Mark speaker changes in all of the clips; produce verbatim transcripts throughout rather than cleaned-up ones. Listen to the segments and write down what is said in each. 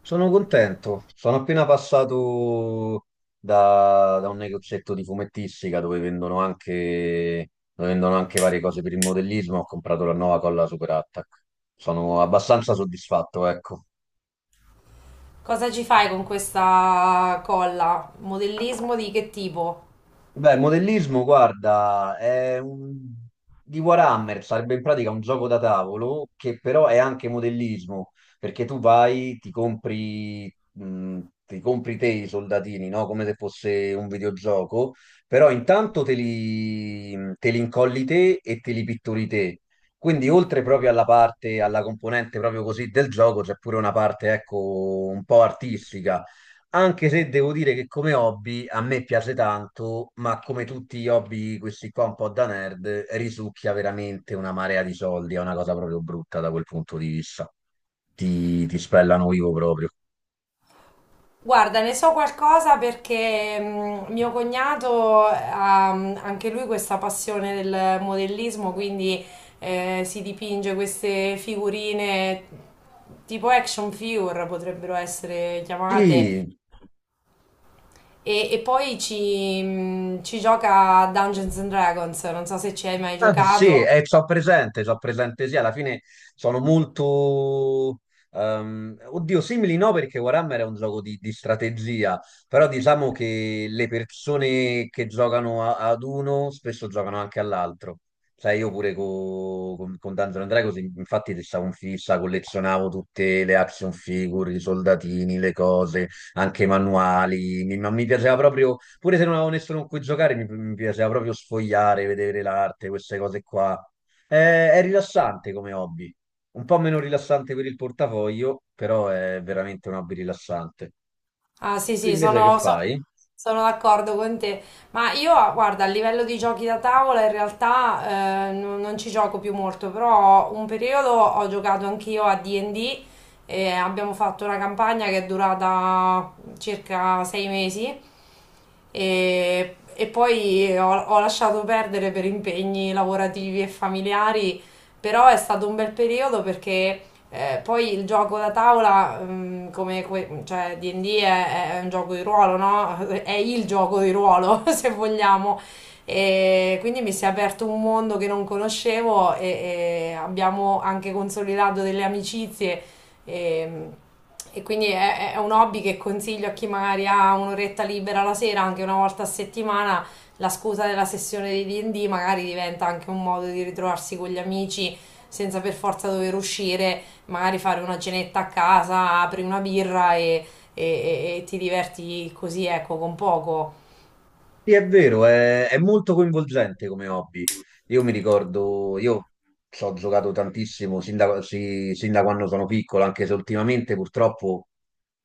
Speaker 1: Sono contento, sono appena passato da, da un negozietto di fumettistica dove vendono anche, dove vendono anche varie cose per il modellismo, ho comprato la nuova colla Super Attack. Sono abbastanza soddisfatto, ecco.
Speaker 2: Cosa ci fai con questa colla? Modellismo di che tipo?
Speaker 1: Beh, modellismo, guarda, è un... di Warhammer, sarebbe in pratica un gioco da tavolo che però è anche modellismo, perché tu vai, ti compri, mh, ti compri te i soldatini, no? Come se fosse un videogioco, però intanto te li, te li incolli te e te li pitturi te. Quindi oltre proprio alla parte, alla componente proprio così del gioco, c'è pure una parte, ecco, un po' artistica, anche se devo dire che come hobby a me piace tanto, ma come tutti gli hobby, questi qua un po' da nerd, risucchia veramente una marea di soldi, è una cosa proprio brutta da quel punto di vista. Ti, ti spellano vivo proprio.
Speaker 2: Guarda, ne so qualcosa perché mm, mio cognato ha mm, anche lui questa passione del modellismo, quindi eh, si dipinge queste figurine tipo action figure potrebbero essere chiamate.
Speaker 1: Sì.
Speaker 2: E, e poi ci, mm, ci gioca a Dungeons and Dragons, non so se ci hai mai
Speaker 1: Ah, sì,
Speaker 2: giocato.
Speaker 1: e so presente, so presente, sì, alla fine sono molto... ehm, oddio, simili no, perché Warhammer è un gioco di, di strategia, però diciamo che le persone che giocano a- ad uno spesso giocano anche all'altro. Sai, io pure co- con, con Dungeons and Dragons, infatti, stavo in fissa, collezionavo tutte le action figure, i soldatini, le cose, anche i manuali, mi, ma mi piaceva proprio, pure se non avevo nessuno con cui giocare, mi, mi piaceva proprio sfogliare, vedere l'arte, queste cose qua. Eh, è rilassante come hobby, un po' meno rilassante per il portafoglio, però è veramente un hobby rilassante.
Speaker 2: Ah, sì,
Speaker 1: Tu
Speaker 2: sì,
Speaker 1: invece che
Speaker 2: sono, so-
Speaker 1: fai?
Speaker 2: sono d'accordo con te. Ma io, guarda, a livello di giochi da tavola, in realtà eh, non, non ci gioco più molto, però un periodo ho giocato anch'io a D and D e D e abbiamo fatto una campagna che è durata circa sei mesi e, e poi ho, ho lasciato perdere per impegni lavorativi e familiari, però è stato un bel periodo perché... Eh, poi il gioco da tavola, mm, come que- cioè D and D è, è un gioco di ruolo, no? È il gioco di ruolo, se vogliamo. E quindi mi si è aperto un mondo che non conoscevo e, e, abbiamo anche consolidato delle amicizie. E, e quindi è, è un hobby che consiglio a chi magari ha un'oretta libera la sera, anche una volta a settimana. La scusa della sessione di D and D magari diventa anche un modo di ritrovarsi con gli amici senza per forza dover uscire magari fare una cenetta a casa, apri una birra e, e- e- e ti diverti così, ecco, con poco.
Speaker 1: Sì, è vero, è, è molto coinvolgente come hobby. Io mi ricordo, io ci ho giocato tantissimo sin da, sì, sin da quando sono piccolo, anche se ultimamente purtroppo,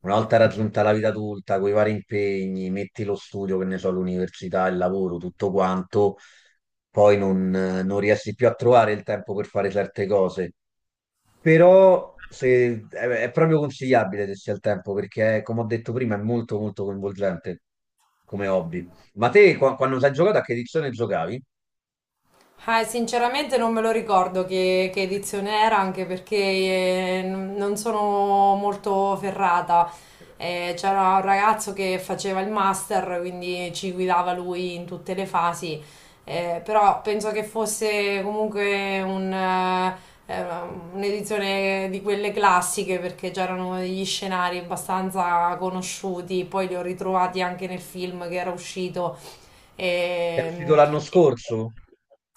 Speaker 1: una volta raggiunta la vita adulta, con i vari impegni, metti lo studio, che ne so, l'università, il lavoro, tutto quanto, poi non, non riesci più a trovare il tempo per fare certe cose. Però se- è, è proprio consigliabile se si ha il tempo, perché come ho detto prima è molto molto coinvolgente come hobby. Ma te qua- quando sei giocato, a che edizione giocavi?
Speaker 2: Eh, sinceramente non me lo ricordo che, che edizione era, anche perché eh, n- non sono molto ferrata. Eh, c'era un ragazzo che faceva il master, quindi ci guidava lui in tutte le fasi. Eh, però penso che fosse comunque un, eh, eh, un'edizione di quelle classiche, perché c'erano degli scenari abbastanza conosciuti, poi li ho ritrovati anche nel film che era uscito.
Speaker 1: È uscito
Speaker 2: Ehm,
Speaker 1: l'anno scorso?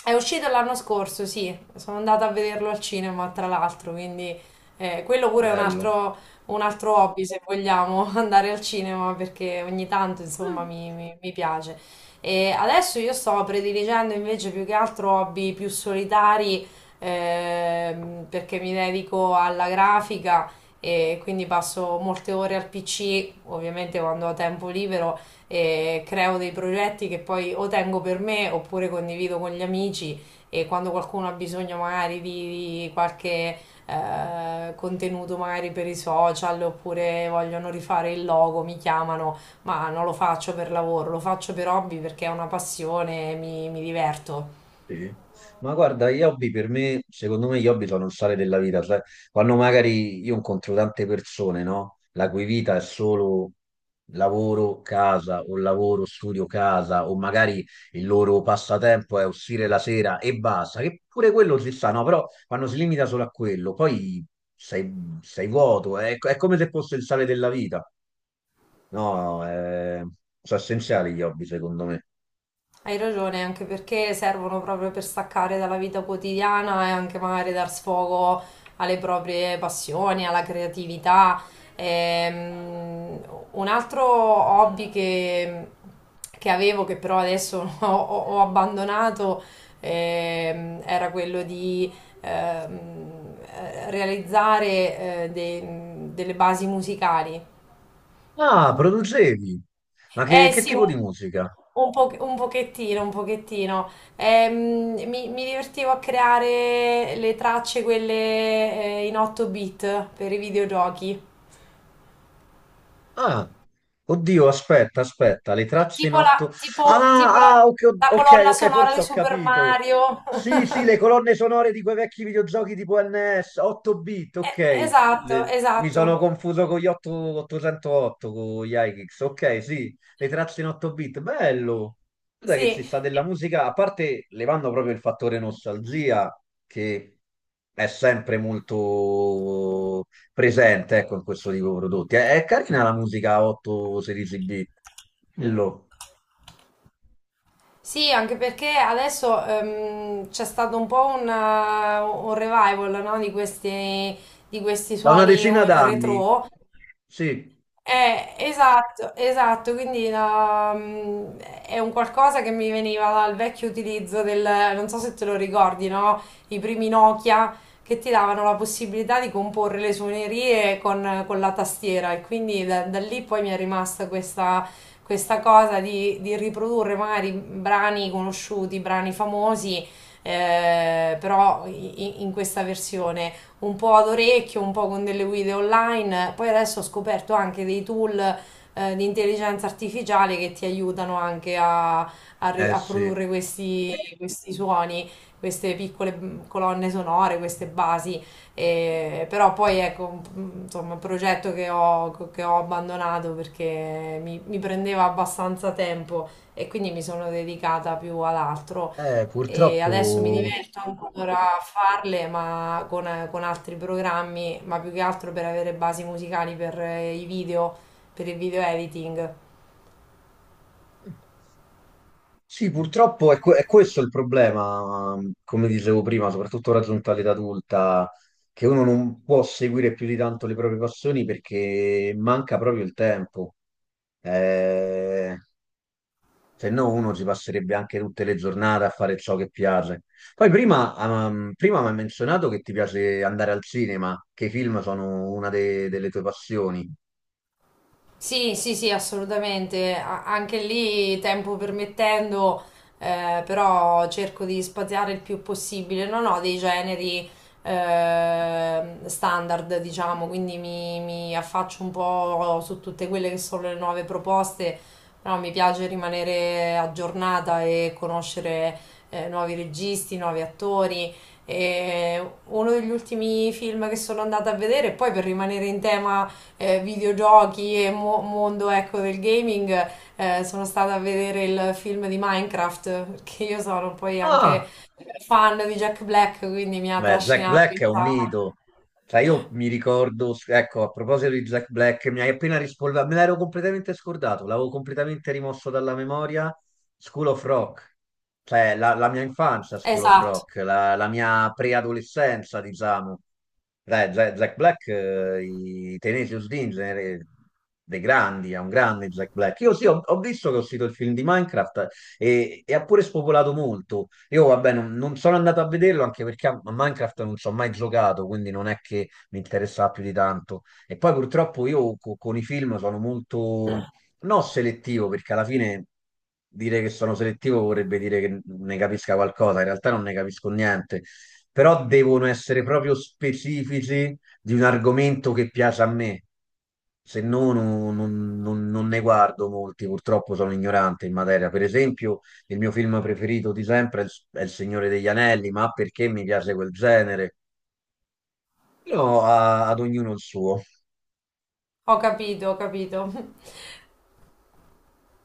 Speaker 2: è uscito l'anno scorso, sì, sono andata a vederlo al cinema, tra l'altro, quindi eh, quello pure è un
Speaker 1: Bello.
Speaker 2: altro, un altro hobby, se vogliamo, andare al cinema, perché ogni tanto, insomma, mi, mi- mi piace. E adesso io sto prediligendo invece più che altro hobby più solitari, ehm, perché mi dedico alla grafica e quindi passo molte ore al P C, ovviamente quando ho tempo libero eh, creo dei progetti che poi o tengo per me oppure condivido con gli amici e quando qualcuno ha bisogno magari di, di qualche eh, contenuto magari per i social oppure vogliono rifare il logo, mi chiamano, ma non lo faccio per lavoro, lo faccio per hobby perché è una passione, mi, mi diverto.
Speaker 1: Sì. Ma guarda, gli hobby per me, secondo me gli hobby sono il sale della vita, sai? Quando magari io incontro tante persone, no? La cui vita è solo lavoro, casa, o lavoro, studio, casa, o magari il loro passatempo è uscire la sera e basta, che pure quello si sa, no? Però quando si limita solo a quello, poi sei, sei vuoto, eh? è, è come se fosse il sale della vita. No, è- sono essenziali gli hobby, secondo me.
Speaker 2: Hai ragione, anche perché servono proprio per staccare dalla vita quotidiana e anche magari dar sfogo alle proprie passioni, alla creatività. Ehm, un altro hobby che, che avevo, che però adesso ho, ho- ho abbandonato, ehm, era quello di ehm, eh, realizzare eh, dei- delle basi musicali.
Speaker 1: Ah, producevi! Ma che,
Speaker 2: Eh
Speaker 1: che
Speaker 2: sì,
Speaker 1: tipo di musica?
Speaker 2: un, un po- un pochettino, un pochettino. Ehm, mi, mi divertivo a creare le tracce, quelle eh, in otto bit per i videogiochi.
Speaker 1: Ah, oddio, aspetta, aspetta, le tracce in
Speaker 2: Tipo
Speaker 1: otto...
Speaker 2: la, tipo, tipo la,
Speaker 1: Ah, ah, ok,
Speaker 2: la
Speaker 1: ok,
Speaker 2: colonna
Speaker 1: ok,
Speaker 2: sonora
Speaker 1: forse
Speaker 2: di
Speaker 1: ho
Speaker 2: Super
Speaker 1: capito.
Speaker 2: Mario.
Speaker 1: Sì, sì, le colonne sonore di quei vecchi videogiochi tipo N S, otto bit,
Speaker 2: Eh,
Speaker 1: ok.
Speaker 2: esatto,
Speaker 1: Le- Mi
Speaker 2: esatto.
Speaker 1: sono confuso con gli otto otto zero otto, con gli iKicks, ok, sì, le tracce in otto bit, bello. Guarda che ci
Speaker 2: Sì,
Speaker 1: sta della musica, a parte levando proprio il fattore nostalgia, che è sempre molto presente, ecco, in questo tipo di prodotti. È, è carina la musica a otto sedici bit. Quello.
Speaker 2: sì, anche perché adesso ehm, c'è stato un po' un, eh, un revival, no, di questi, di questi
Speaker 1: Da una
Speaker 2: suoni
Speaker 1: decina
Speaker 2: eh,
Speaker 1: d'anni.
Speaker 2: retro.
Speaker 1: Sì,
Speaker 2: Eh, esatto, esatto, quindi la- mm, è un qualcosa che mi veniva dal vecchio utilizzo del, non so se te lo ricordi, no? I primi Nokia che ti davano la possibilità di comporre le suonerie con, con la tastiera e quindi da, da lì poi mi è rimasta questa, questa cosa di, di riprodurre magari brani conosciuti, brani famosi, eh, però i- in questa versione un po' ad orecchio, un po' con delle guide online. Poi adesso ho scoperto anche dei tool eh, di intelligenza artificiale che ti aiutano anche a, a ri-
Speaker 1: eh
Speaker 2: a
Speaker 1: sì.
Speaker 2: produrre questi, questi suoni, queste piccole mm, colonne sonore, queste basi. E- però poi ecco, mm, insomma, un progetto che ho, che ho abbandonato perché mi mi prendeva abbastanza tempo e quindi mi sono dedicata più ad altro
Speaker 1: Eh,
Speaker 2: e adesso mi
Speaker 1: purtroppo...
Speaker 2: diverto ancora a farle, ma con, con altri programmi, ma più che altro per avere basi musicali per eh, i video, per il video editing.
Speaker 1: Sì, purtroppo è, que- è questo il problema, ehm, come dicevo prima, soprattutto raggiunta l'età adulta, che uno non può seguire più di tanto le proprie passioni perché manca proprio il tempo. Eh, se no uno si passerebbe anche tutte le giornate a fare ciò che piace. Poi prima, ehm, prima mi hai menzionato che ti...
Speaker 2: Sì, sì, sì, assolutamente. A- anche lì, tempo permettendo, eh, però cerco di spaziare il più possibile. Non ho dei generi eh, standard, diciamo, quindi mi, mi affaccio un po' su tutte quelle che sono le nuove proposte, però mi piace rimanere aggiornata e conoscere eh, nuovi registi, nuovi attori. E uno degli ultimi film che sono andata a vedere, poi per rimanere in tema eh, videogiochi e mo- mondo ecco, del gaming, eh, sono stata a vedere il film di Minecraft, perché io sono poi anche fan di Jack Black, quindi mi ha
Speaker 1: Beh, Jack
Speaker 2: trascinato
Speaker 1: Black
Speaker 2: in
Speaker 1: è un
Speaker 2: sala.
Speaker 1: mito. Cioè, io mi ricordo, ecco, a proposito di Jack Black, mi hai appena rispolverato, me l'ero completamente scordato, l'avevo completamente rimosso dalla memoria. School of Rock, cioè la, la mia infanzia, School of
Speaker 2: Esatto,
Speaker 1: Rock, la, la mia preadolescenza, diciamo. Dai, Jack, Jack Black, eh, i Tenacious D in genere, dei grandi, è un grande Jack Black. Io sì, ho, ho visto che ho uscito il film di Minecraft, eh, e, e ha pure spopolato molto. Io, vabbè, non, non sono andato a vederlo anche perché a a Minecraft non ci ho mai giocato, quindi non è che mi interessava più di tanto. E poi purtroppo io co- con i film sono molto, non selettivo, perché alla fine dire che sono selettivo vorrebbe dire che ne capisca qualcosa, in realtà non ne capisco niente, però devono essere proprio specifici di un argomento che piace a me. Se no, non, non- non- non ne guardo molti, purtroppo sono ignorante in materia. Per esempio, il mio film preferito di sempre è Il, è Il Signore degli Anelli, ma perché mi piace quel genere? Però a- ad ognuno il suo.
Speaker 2: ho capito, ho capito.